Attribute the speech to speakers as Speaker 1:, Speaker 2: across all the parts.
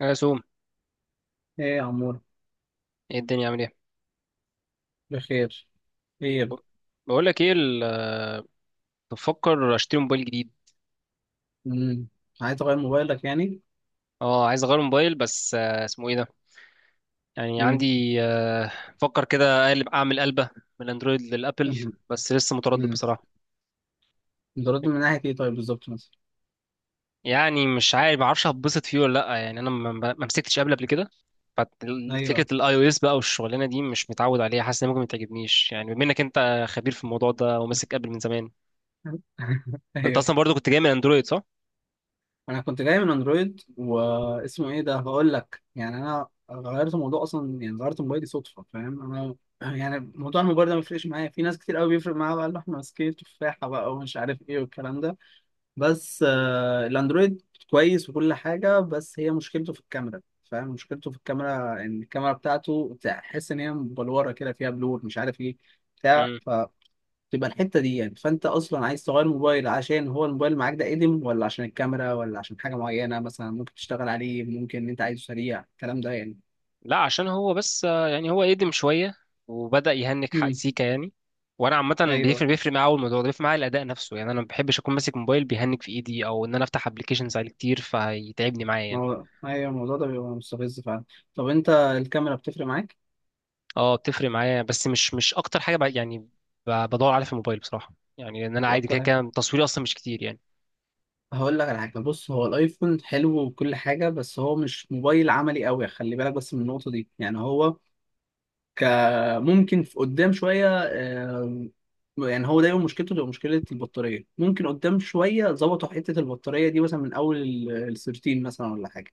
Speaker 1: يا سوم،
Speaker 2: ايه يا عمور.
Speaker 1: ايه الدنيا عامل ايه؟
Speaker 2: بخير، خير.
Speaker 1: بقول لك ايه، بفكر اشتري موبايل جديد.
Speaker 2: امم عايز تغير موبايلك يعني.
Speaker 1: اه، عايز اغير موبايل، بس اسمه ايه ده. يعني
Speaker 2: امم
Speaker 1: عندي بفكر كده اقلب، اعمل قلبه من الاندرويد للابل،
Speaker 2: امم
Speaker 1: بس لسه متردد
Speaker 2: أمم.
Speaker 1: بصراحه.
Speaker 2: بترد من ناحية ايه طيب بالظبط مثلا؟
Speaker 1: يعني مش عارف، ما اعرفش هتبسط فيه ولا لا، يعني انا ما مسكتش ابل قبل كده. ففكره
Speaker 2: ايوه
Speaker 1: الاي او اس بقى والشغلانه دي مش متعود عليها، حاسس ان ممكن ما تعجبنيش. يعني بما انك انت خبير في الموضوع ده وماسك ابل من زمان، انت
Speaker 2: ايوه،
Speaker 1: اصلا برضو كنت جاي من اندرويد صح؟
Speaker 2: انا كنت جاي من اندرويد واسمه ايه ده، هقول لك يعني انا غيرت الموضوع اصلا، يعني غيرت موبايلي صدفة فاهم انا. يعني موضوع الموبايل ده ما بيفرقش معايا، في ناس كتير قوي بيفرق معايا بقى اللي احنا ماسكين تفاحة بقى ومش عارف ايه والكلام ده. بس الاندرويد كويس وكل حاجه، بس هي مشكلته في الكاميرا. فاهم مشكلته في الكاميرا ان الكاميرا بتاعته تحس ان هي مبلوره كده، فيها بلور مش عارف ايه بتاع، فتبقى الحته دي يعني. فانت اصلا عايز تغير موبايل عشان هو الموبايل معاك ده قديم، ولا عشان الكاميرا، ولا عشان حاجه معينه مثلا ممكن تشتغل عليه، ممكن ان انت عايزه سريع، الكلام ده يعني.
Speaker 1: لا عشان هو بس يعني هو قدم شوية، وبدأ يهنك حق
Speaker 2: امم
Speaker 1: سيكا يعني. وانا عامة
Speaker 2: ايوه،
Speaker 1: بيفرق معايا أوي، الموضوع ده بيفرق معايا، الاداء نفسه يعني. انا ما بحبش اكون ماسك موبايل بيهنك في ايدي، او ان انا افتح ابلكيشنز عليه كتير فيتعبني معايا
Speaker 2: ما
Speaker 1: يعني.
Speaker 2: هو ايوه الموضوع ده بيبقى مستفز فعلا. طب انت الكاميرا بتفرق معاك؟
Speaker 1: اه بتفرق معايا، بس مش اكتر حاجة بقى يعني. بدور عليها في الموبايل بصراحة، يعني ان انا
Speaker 2: مش
Speaker 1: عادي، كده
Speaker 2: اكتر.
Speaker 1: كده تصويري اصلا مش كتير يعني.
Speaker 2: هقول لك على حاجه، بص هو الايفون حلو وكل حاجه، بس هو مش موبايل عملي قوي. خلي بالك بس من النقطه دي، يعني هو ك ممكن في قدام شويه، يعني هو دايما مشكلته تبقى مشكله البطاريه. ممكن قدام شويه ظبطوا حته البطاريه دي، مثلا من اول ال 13 مثلا ولا حاجه،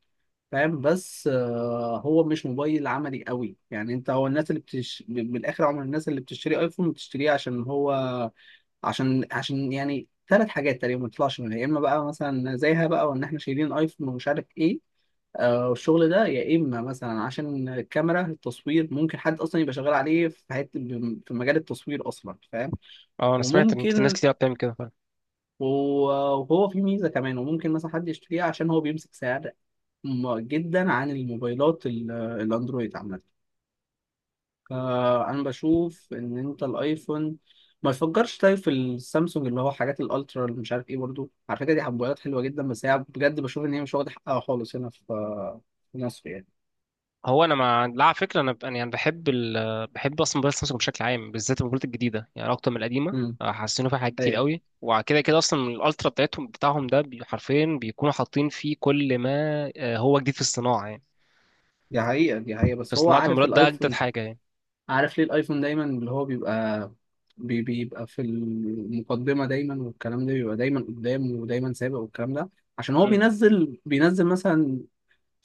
Speaker 2: فاهم؟ بس هو مش موبايل عملي قوي يعني. انت هو الناس بالاخر عمر الناس اللي بتشتري ايفون بتشتريه عشان هو عشان يعني ثلاث حاجات تقريبا ما تطلعش منها. يا اما بقى مثلا زيها بقى، وان احنا شايلين ايفون ومش عارف ايه آه والشغل ده، يا اما مثلا عشان الكاميرا، التصوير ممكن حد اصلا يبقى شغال عليه في حته، في مجال التصوير اصلا فاهم.
Speaker 1: اه انا سمعت ان ناس
Speaker 2: وممكن
Speaker 1: كتير بتعمل كده.
Speaker 2: وهو في ميزه كمان، وممكن مثلا حد يشتريه عشان هو بيمسك سعر جدا عن الموبايلات الاندرويد عامه. فانا بشوف ان انت الايفون ما يفكرش. طيب في السامسونج اللي هو حاجات الالترا اللي مش عارف ايه، برضو على فكره دي حبويات حلوه جدا، بس هي بجد بشوف ان هي مش واخده حقها خالص هنا في في مصر يعني.
Speaker 1: هو انا مع، لا على فكره، انا يعني، انا يعني بحب اصلا موبايل سامسونج بشكل عام، بالذات الموبايلات الجديده يعني اكتر من القديمه.
Speaker 2: امم
Speaker 1: حسنوا فيها حاجات كتير
Speaker 2: ايوه،
Speaker 1: قوي، وكده كده اصلا الالترا بتاعهم ده حرفيا بيكونوا حاطين فيه كل ما هو جديد في الصناعه يعني.
Speaker 2: دي حقيقه دي حقيقه.
Speaker 1: في
Speaker 2: بس هو
Speaker 1: صناعه
Speaker 2: عارف
Speaker 1: الموبايلات ده اجدد
Speaker 2: الايفون،
Speaker 1: حاجه يعني.
Speaker 2: عارف ليه الايفون دايما اللي هو بيبقى بيبقى في المقدمه دايما، والكلام ده بيبقى دايما قدام ودايما سابق والكلام ده؟ عشان هو
Speaker 1: م-
Speaker 2: بينزل مثلا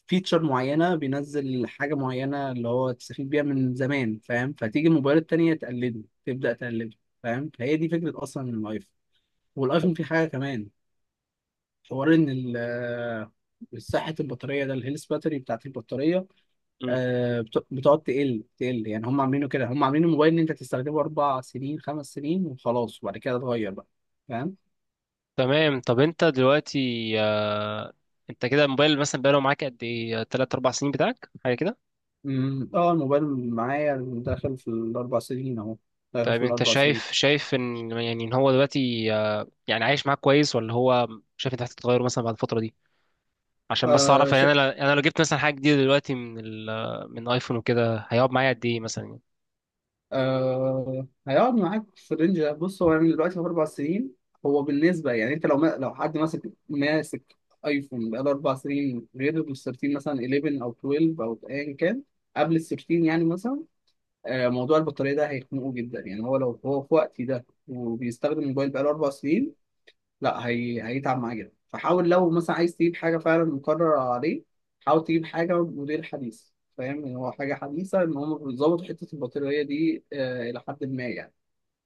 Speaker 2: فيتشر معينه، بينزل حاجه معينه اللي هو تستفيد بيها من زمان فاهم. فتيجي الموبايلات التانيه تقلده، تبدا تقلده فاهم. فهي دي فكره اصلا الايفون. والايفون فيه حاجه كمان، حوار ان صحة البطارية ده، الهيلث باتري بتاعت البطارية
Speaker 1: م.
Speaker 2: بتقعد تقل يعني. هم عاملينه كده، هم عاملين الموبايل ان انت تستخدمه اربع سنين خمس سنين وخلاص، وبعد كده اتغير بقى فاهم؟
Speaker 1: تمام. طب انت دلوقتي آه، انت كده الموبايل مثلا بقاله معاك قد ايه، 3 4 سنين بتاعك، حاجه كده؟
Speaker 2: اه الموبايل معايا داخل في الاربع سنين اهو، داخل
Speaker 1: طيب
Speaker 2: في
Speaker 1: انت
Speaker 2: الاربع سنين.
Speaker 1: شايف ان يعني ان هو دلوقتي يعني عايش معاك كويس، ولا هو شايف انت محتاج تغيره مثلا بعد الفتره دي؟ عشان بس اعرف
Speaker 2: آه
Speaker 1: يعني،
Speaker 2: ش...
Speaker 1: انا انا لو جبت مثلا حاجه جديده دلوقتي من من ايفون وكده، هيقعد معايا قد ايه مثلا يعني؟
Speaker 2: آه هيقعد معاك في الرينج ده. بص هو يعني دلوقتي في اربع سنين، هو بالنسبه يعني انت لو ما لو حد ماسك ايفون بقاله اربع سنين، غير ال 13 مثلا، 11 او 12 او ايا كان قبل ال 13 يعني مثلا. آه موضوع البطاريه ده هيخنقه جدا يعني. هو لو هو في وقتي ده وبيستخدم الموبايل بقاله اربع سنين، لا هي... هيتعب معاه جدا. فحاول لو مثلا عايز تجيب حاجة فعلا مقرر عليه، حاول تجيب حاجة موديل حديث فاهم، إن هو حاجة حديثة إن هم بيظبطوا حتة البطارية دي آه إلى حد ما يعني.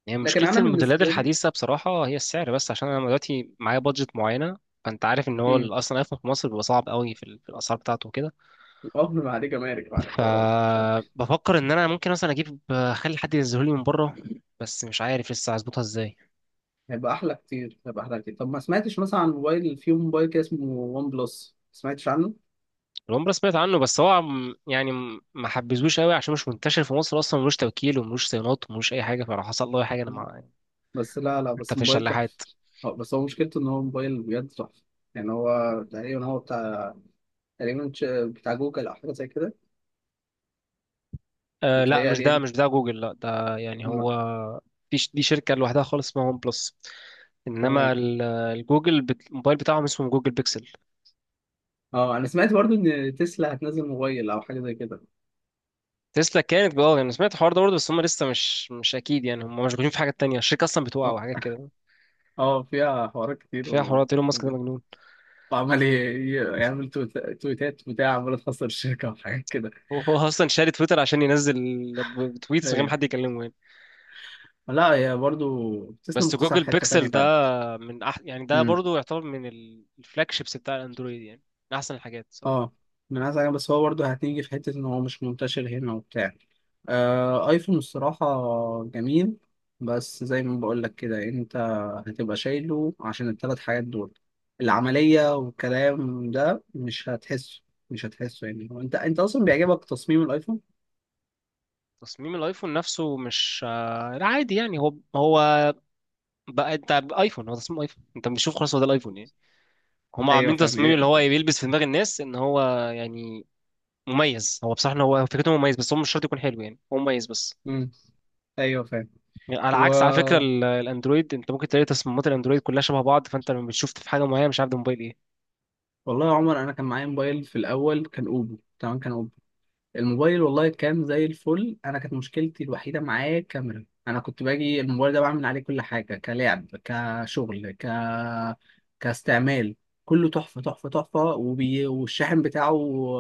Speaker 1: يعني
Speaker 2: لكن
Speaker 1: مشكله
Speaker 2: أنا
Speaker 1: الموديلات
Speaker 2: بالنسبة لي
Speaker 1: الحديثه بصراحه هي السعر بس، عشان انا دلوقتي معايا بادجت معينه. فانت عارف ان هو
Speaker 2: امم
Speaker 1: اصلا ايفون في مصر بيبقى صعب قوي في، في الاسعار بتاعته وكده.
Speaker 2: ما عليه جمارك بعد حوارات مش عارف.
Speaker 1: فبفكر ان انا ممكن مثلا اجيب، اخلي حد ينزله لي من بره، بس مش عارف لسه هظبطها ازاي.
Speaker 2: هيبقى أحلى كتير، هيبقى أحلى كتير. طب ما سمعتش مثلا عن موبايل، في موبايل كده اسمه ون بلس، ما سمعتش عنه؟
Speaker 1: الون سمعت عنه، بس هو يعني ما حبيتهوش قوي عشان مش منتشر في مصر اصلا، ملوش توكيل وملوش صيانات وملوش اي حاجه، فلو حصل له اي حاجه انا
Speaker 2: بس لا لا
Speaker 1: انت
Speaker 2: بس
Speaker 1: في
Speaker 2: موبايل تحفة.
Speaker 1: الشلاحات.
Speaker 2: بس هو مشكلته إن هو موبايل بجد تحفة. يعني هو تقريبا هو بتاع، بتاع جوجل أو حاجة زي كده،
Speaker 1: آه لا، مش
Speaker 2: متهيألي
Speaker 1: ده،
Speaker 2: يعني.
Speaker 1: مش ده جوجل، لا ده يعني
Speaker 2: م-
Speaker 1: هو، في دي شركة لوحدها خالص اسمها ون بلس. انما
Speaker 2: تمام.
Speaker 1: الموبايل بتاعهم اسمه جوجل بيكسل.
Speaker 2: اه انا سمعت برضو ان تسلا هتنزل موبايل او حاجه زي كده.
Speaker 1: تسلا كانت بقى يعني، أنا سمعت الحوار ده برضه، بس هم لسه مش اكيد يعني، هم مشغولين في حاجات تانية، الشركة اصلا بتوقع
Speaker 2: اه
Speaker 1: وحاجات كده،
Speaker 2: اه فيها حوارات كتير
Speaker 1: فيها حوارات. ايلون ماسك ده
Speaker 2: و-
Speaker 1: مجنون.
Speaker 2: وعمال يعمل تويتات بتاع، عمال تخسر الشركه وحاجات كده.
Speaker 1: هو اصلا شاري تويتر عشان ينزل بتويتس من غير ما
Speaker 2: ايوه
Speaker 1: حد يكلمه يعني.
Speaker 2: لا، هي برضو تسلا
Speaker 1: بس
Speaker 2: مكتسحه
Speaker 1: جوجل
Speaker 2: في حته تانيه.
Speaker 1: بيكسل ده، من يعني ده
Speaker 2: فعلا.
Speaker 1: برضه يعتبر من الفلاج شيبس بتاع الاندرويد يعني، من احسن الحاجات صراحة.
Speaker 2: اه. من عايز حاجة، بس هو برضه هتيجي في حتة إن هو مش منتشر هنا وبتاع. آه أيفون الصراحة جميل. بس زي ما بقولك كده، أنت هتبقى شايله عشان التلات حاجات دول، العملية والكلام ده مش هتحسه، مش هتحسه يعني. هو أنت أنت أصلا بيعجبك تصميم الأيفون؟
Speaker 1: تصميم الايفون نفسه مش لا عادي يعني، هو هو بقى انت ايفون هو تصميم ايفون، انت بتشوف خلاص هو ده الايفون يعني. هما
Speaker 2: أيوه
Speaker 1: عاملين
Speaker 2: فاهم
Speaker 1: تصميم اللي هو
Speaker 2: يعني.
Speaker 1: بيلبس في دماغ الناس ان هو يعني مميز. هو بصراحة إن هو فكرته مميز، بس هو مش شرط يكون حلو يعني، هو مميز بس.
Speaker 2: مم، أيوه فاهم.
Speaker 1: يعني على
Speaker 2: و...
Speaker 1: عكس على فكرة الاندرويد، انت ممكن تلاقي تصميمات الاندرويد كلها شبه بعض، فانت لما بتشوف في حاجة معينة مش عارف ده موبايل ايه.
Speaker 2: والله يا عمر أنا كان معايا موبايل في الأول كان أوبو، تمام؟ كان الموبايل والله كان زي الفل. انا كانت مشكلتي الوحيده معاه كاميرا. انا كنت باجي الموبايل ده بعمل عليه كل حاجه، كلعب كشغل كاستعمال، كله تحفه تحفه تحفه. والشاحن بتاعه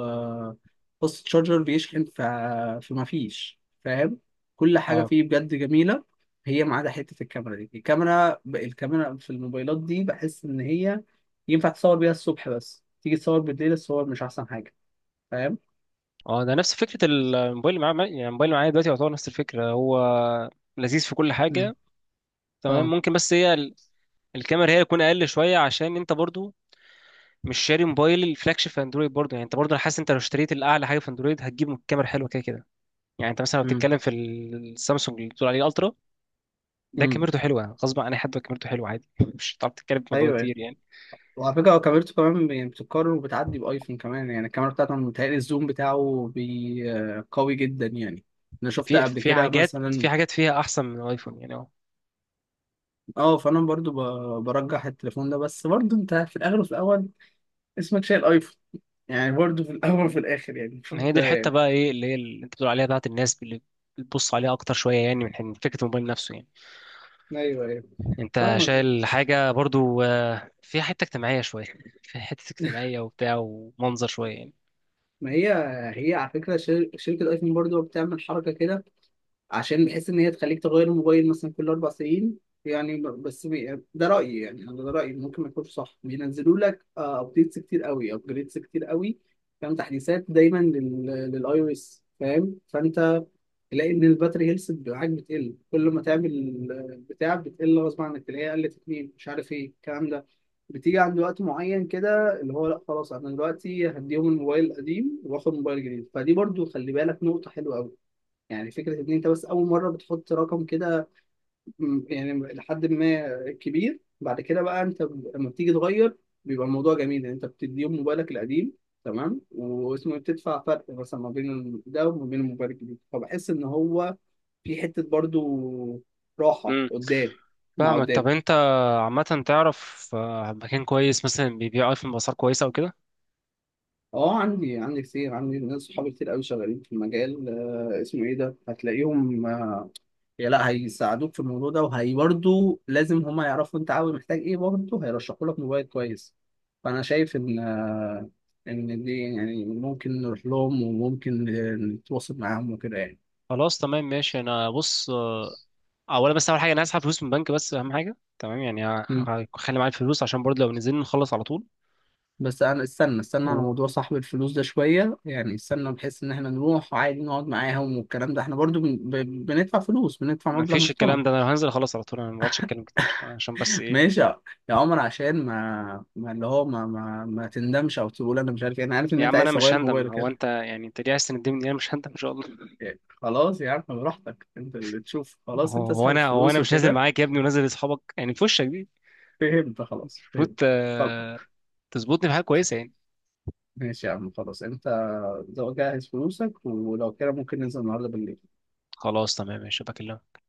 Speaker 2: قصه شارجر بيشحن فما فيش فاهم. كل حاجه
Speaker 1: اه
Speaker 2: فيه بجد جميله. هي ما عدا حته الكاميرا دي. الكاميرا، الكاميرا في الموبايلات دي بحس ان هي ينفع تصور بيها الصبح، بس تيجي تصور بالليل الصور مش احسن حاجه فاهم.
Speaker 1: اه، ده نفس فكرة الموبايل اللي معايا يعني، الموبايل اللي معايا دلوقتي يعتبر نفس الفكرة، هو لذيذ في كل
Speaker 2: مم.
Speaker 1: حاجة. تمام،
Speaker 2: اه.
Speaker 1: ممكن بس هي الكاميرا هي تكون اقل شويه، عشان انت برضو مش شاري موبايل الفلاج شيب في اندرويد برضه يعني. انت برضه انا حاسس انت لو اشتريت الاعلى حاجه في اندرويد هتجيب كاميرا حلوه كده كده يعني. انت مثلا لو
Speaker 2: امم
Speaker 1: بتتكلم في السامسونج اللي بتقول عليه الترا، ده
Speaker 2: امم
Speaker 1: كاميرته حلوه غصب عن اي حد، كاميرته حلوه عادي مش هتعرف تتكلم في موضوع
Speaker 2: ايوه ايوه.
Speaker 1: كتير يعني.
Speaker 2: وعلى فكره هو كاميرته كمان يعني بتتكرر وبتعدي بايفون كمان يعني. الكاميرا بتاعته أنا متهيألي الزوم بتاعه بي... آه، قوي جدا يعني، انا شفت
Speaker 1: في
Speaker 2: قبل
Speaker 1: في
Speaker 2: كده
Speaker 1: حاجات، في
Speaker 2: مثلا.
Speaker 1: حاجات فيها احسن من الايفون يعني، اه.
Speaker 2: اه. برجح التليفون ده. بس برضو انت في الاخر وفي الاول اسمك شايل ايفون، يعني برضو في الاول وفي الاخر، يعني شوف
Speaker 1: هي دي
Speaker 2: ده
Speaker 1: الحته
Speaker 2: يعني.
Speaker 1: بقى، ايه اللي هي اللي انت بتقول عليها بتاعت الناس اللي بتبص عليها اكتر شويه يعني، من حين فكره الموبايل نفسه يعني.
Speaker 2: ايوه ايوه
Speaker 1: انت
Speaker 2: فاهمك.
Speaker 1: شايل حاجه برضو فيها حته اجتماعيه شويه، فيها حته اجتماعيه وبتاع ومنظر شويه يعني.
Speaker 2: ما هي، هي على فكره شركه ايفون برضو بتعمل حركه كده، عشان بحيث ان هي تخليك تغير الموبايل مثلا كل اربع سنين. يعني بس ده رايي يعني، انا ده رايي ممكن ما يكونش صح. بينزلوا لك ابديتس كتير قوي، ابجريدز كتير قوي فاهم، تحديثات دايما للاي او اس فاهم. فانت تلاقي ان الباتري هيلث معاك بتقل، كل ما تعمل آه، بتاع بتقل غصب عنك، تلاقيها قلت اتنين مش عارف ايه الكلام ده. بتيجي عند وقت معين كده اللي هو، لا خلاص انا دلوقتي هديهم الموبايل القديم واخد موبايل جديد. فدي برضو خلي بالك نقطة حلوة قوي. يعني فكرة إن أنت بس أول مرة بتحط رقم كده، يعني لحد ما كبير بعد كده بقى، أنت لما بتيجي تغير بيبقى الموضوع جميل. يعني أنت بتديهم موبايلك القديم، تمام؟ واسمه إيه، بتدفع فرق مثلا ما بين ده وما بين الموبايل الجديد. فبحس إن هو في حتة برضو راحة قدام، مع
Speaker 1: فاهمك. طب
Speaker 2: قدام.
Speaker 1: انت عامة تعرف مكان كويس مثلا بيبيع ايفون بأسعار كويسة او كده؟
Speaker 2: اه عندي كتير، عندي ناس صحابي كتير قوي شغالين في المجال آه اسمه ايه ده. هتلاقيهم آه، يا لا هيساعدوك في الموضوع ده، وهي برضه لازم هما يعرفوا انت عاوز محتاج ايه، برضه هيرشحوا لك موبايل كويس. فانا شايف ان ان دي يعني ممكن نروح لهم، وممكن نتواصل معاهم وكده يعني.
Speaker 1: خلاص تمام ماشي. انا بص اولا، بس اول حاجة انا هسحب فلوس من البنك، بس اهم حاجة تمام يعني.
Speaker 2: مم.
Speaker 1: هخلي معايا الفلوس عشان برضه لو نزلنا نخلص على طول.
Speaker 2: بس انا استنى استنى على موضوع صاحب الفلوس ده شويه يعني، استنى بحيث ان احنا نروح وعادي نقعد معاهم والكلام ده، احنا برضو بندفع فلوس، بندفع مبلغ
Speaker 1: ومفيش
Speaker 2: محترم.
Speaker 1: الكلام ده، انا لو هنزل اخلص على طول انا مبقعدش اتكلم كتير عشان بس ايه.
Speaker 2: ماشي يا عمر، عشان ما اللي هو ما تندمش او تقول انا مش عارف إيه. انا عارف ان
Speaker 1: يا
Speaker 2: انت
Speaker 1: عم انا
Speaker 2: عايز
Speaker 1: مش
Speaker 2: تغير
Speaker 1: هندم،
Speaker 2: موبايلك.
Speaker 1: هو انت يعني انت ليه عايز تندمني؟ انا مش هندم ان شاء الله.
Speaker 2: يعني خلاص يا عم براحتك، انت اللي تشوف. خلاص
Speaker 1: هو
Speaker 2: انت
Speaker 1: هو
Speaker 2: اسحب
Speaker 1: انا هو
Speaker 2: الفلوس
Speaker 1: انا مش نازل
Speaker 2: وكده.
Speaker 1: معاك يا ابني ونازل لاصحابك يعني في وشك دي؟
Speaker 2: فهمت خلاص
Speaker 1: المفروض
Speaker 2: فهمت. خلاص
Speaker 1: تظبطني في حاجة كويسة يعني.
Speaker 2: ماشي يا عم. خلاص انت جهز فلوسك، ولو كده ممكن ننزل النهارده بالليل.
Speaker 1: خلاص تمام ماشي، بكلمك.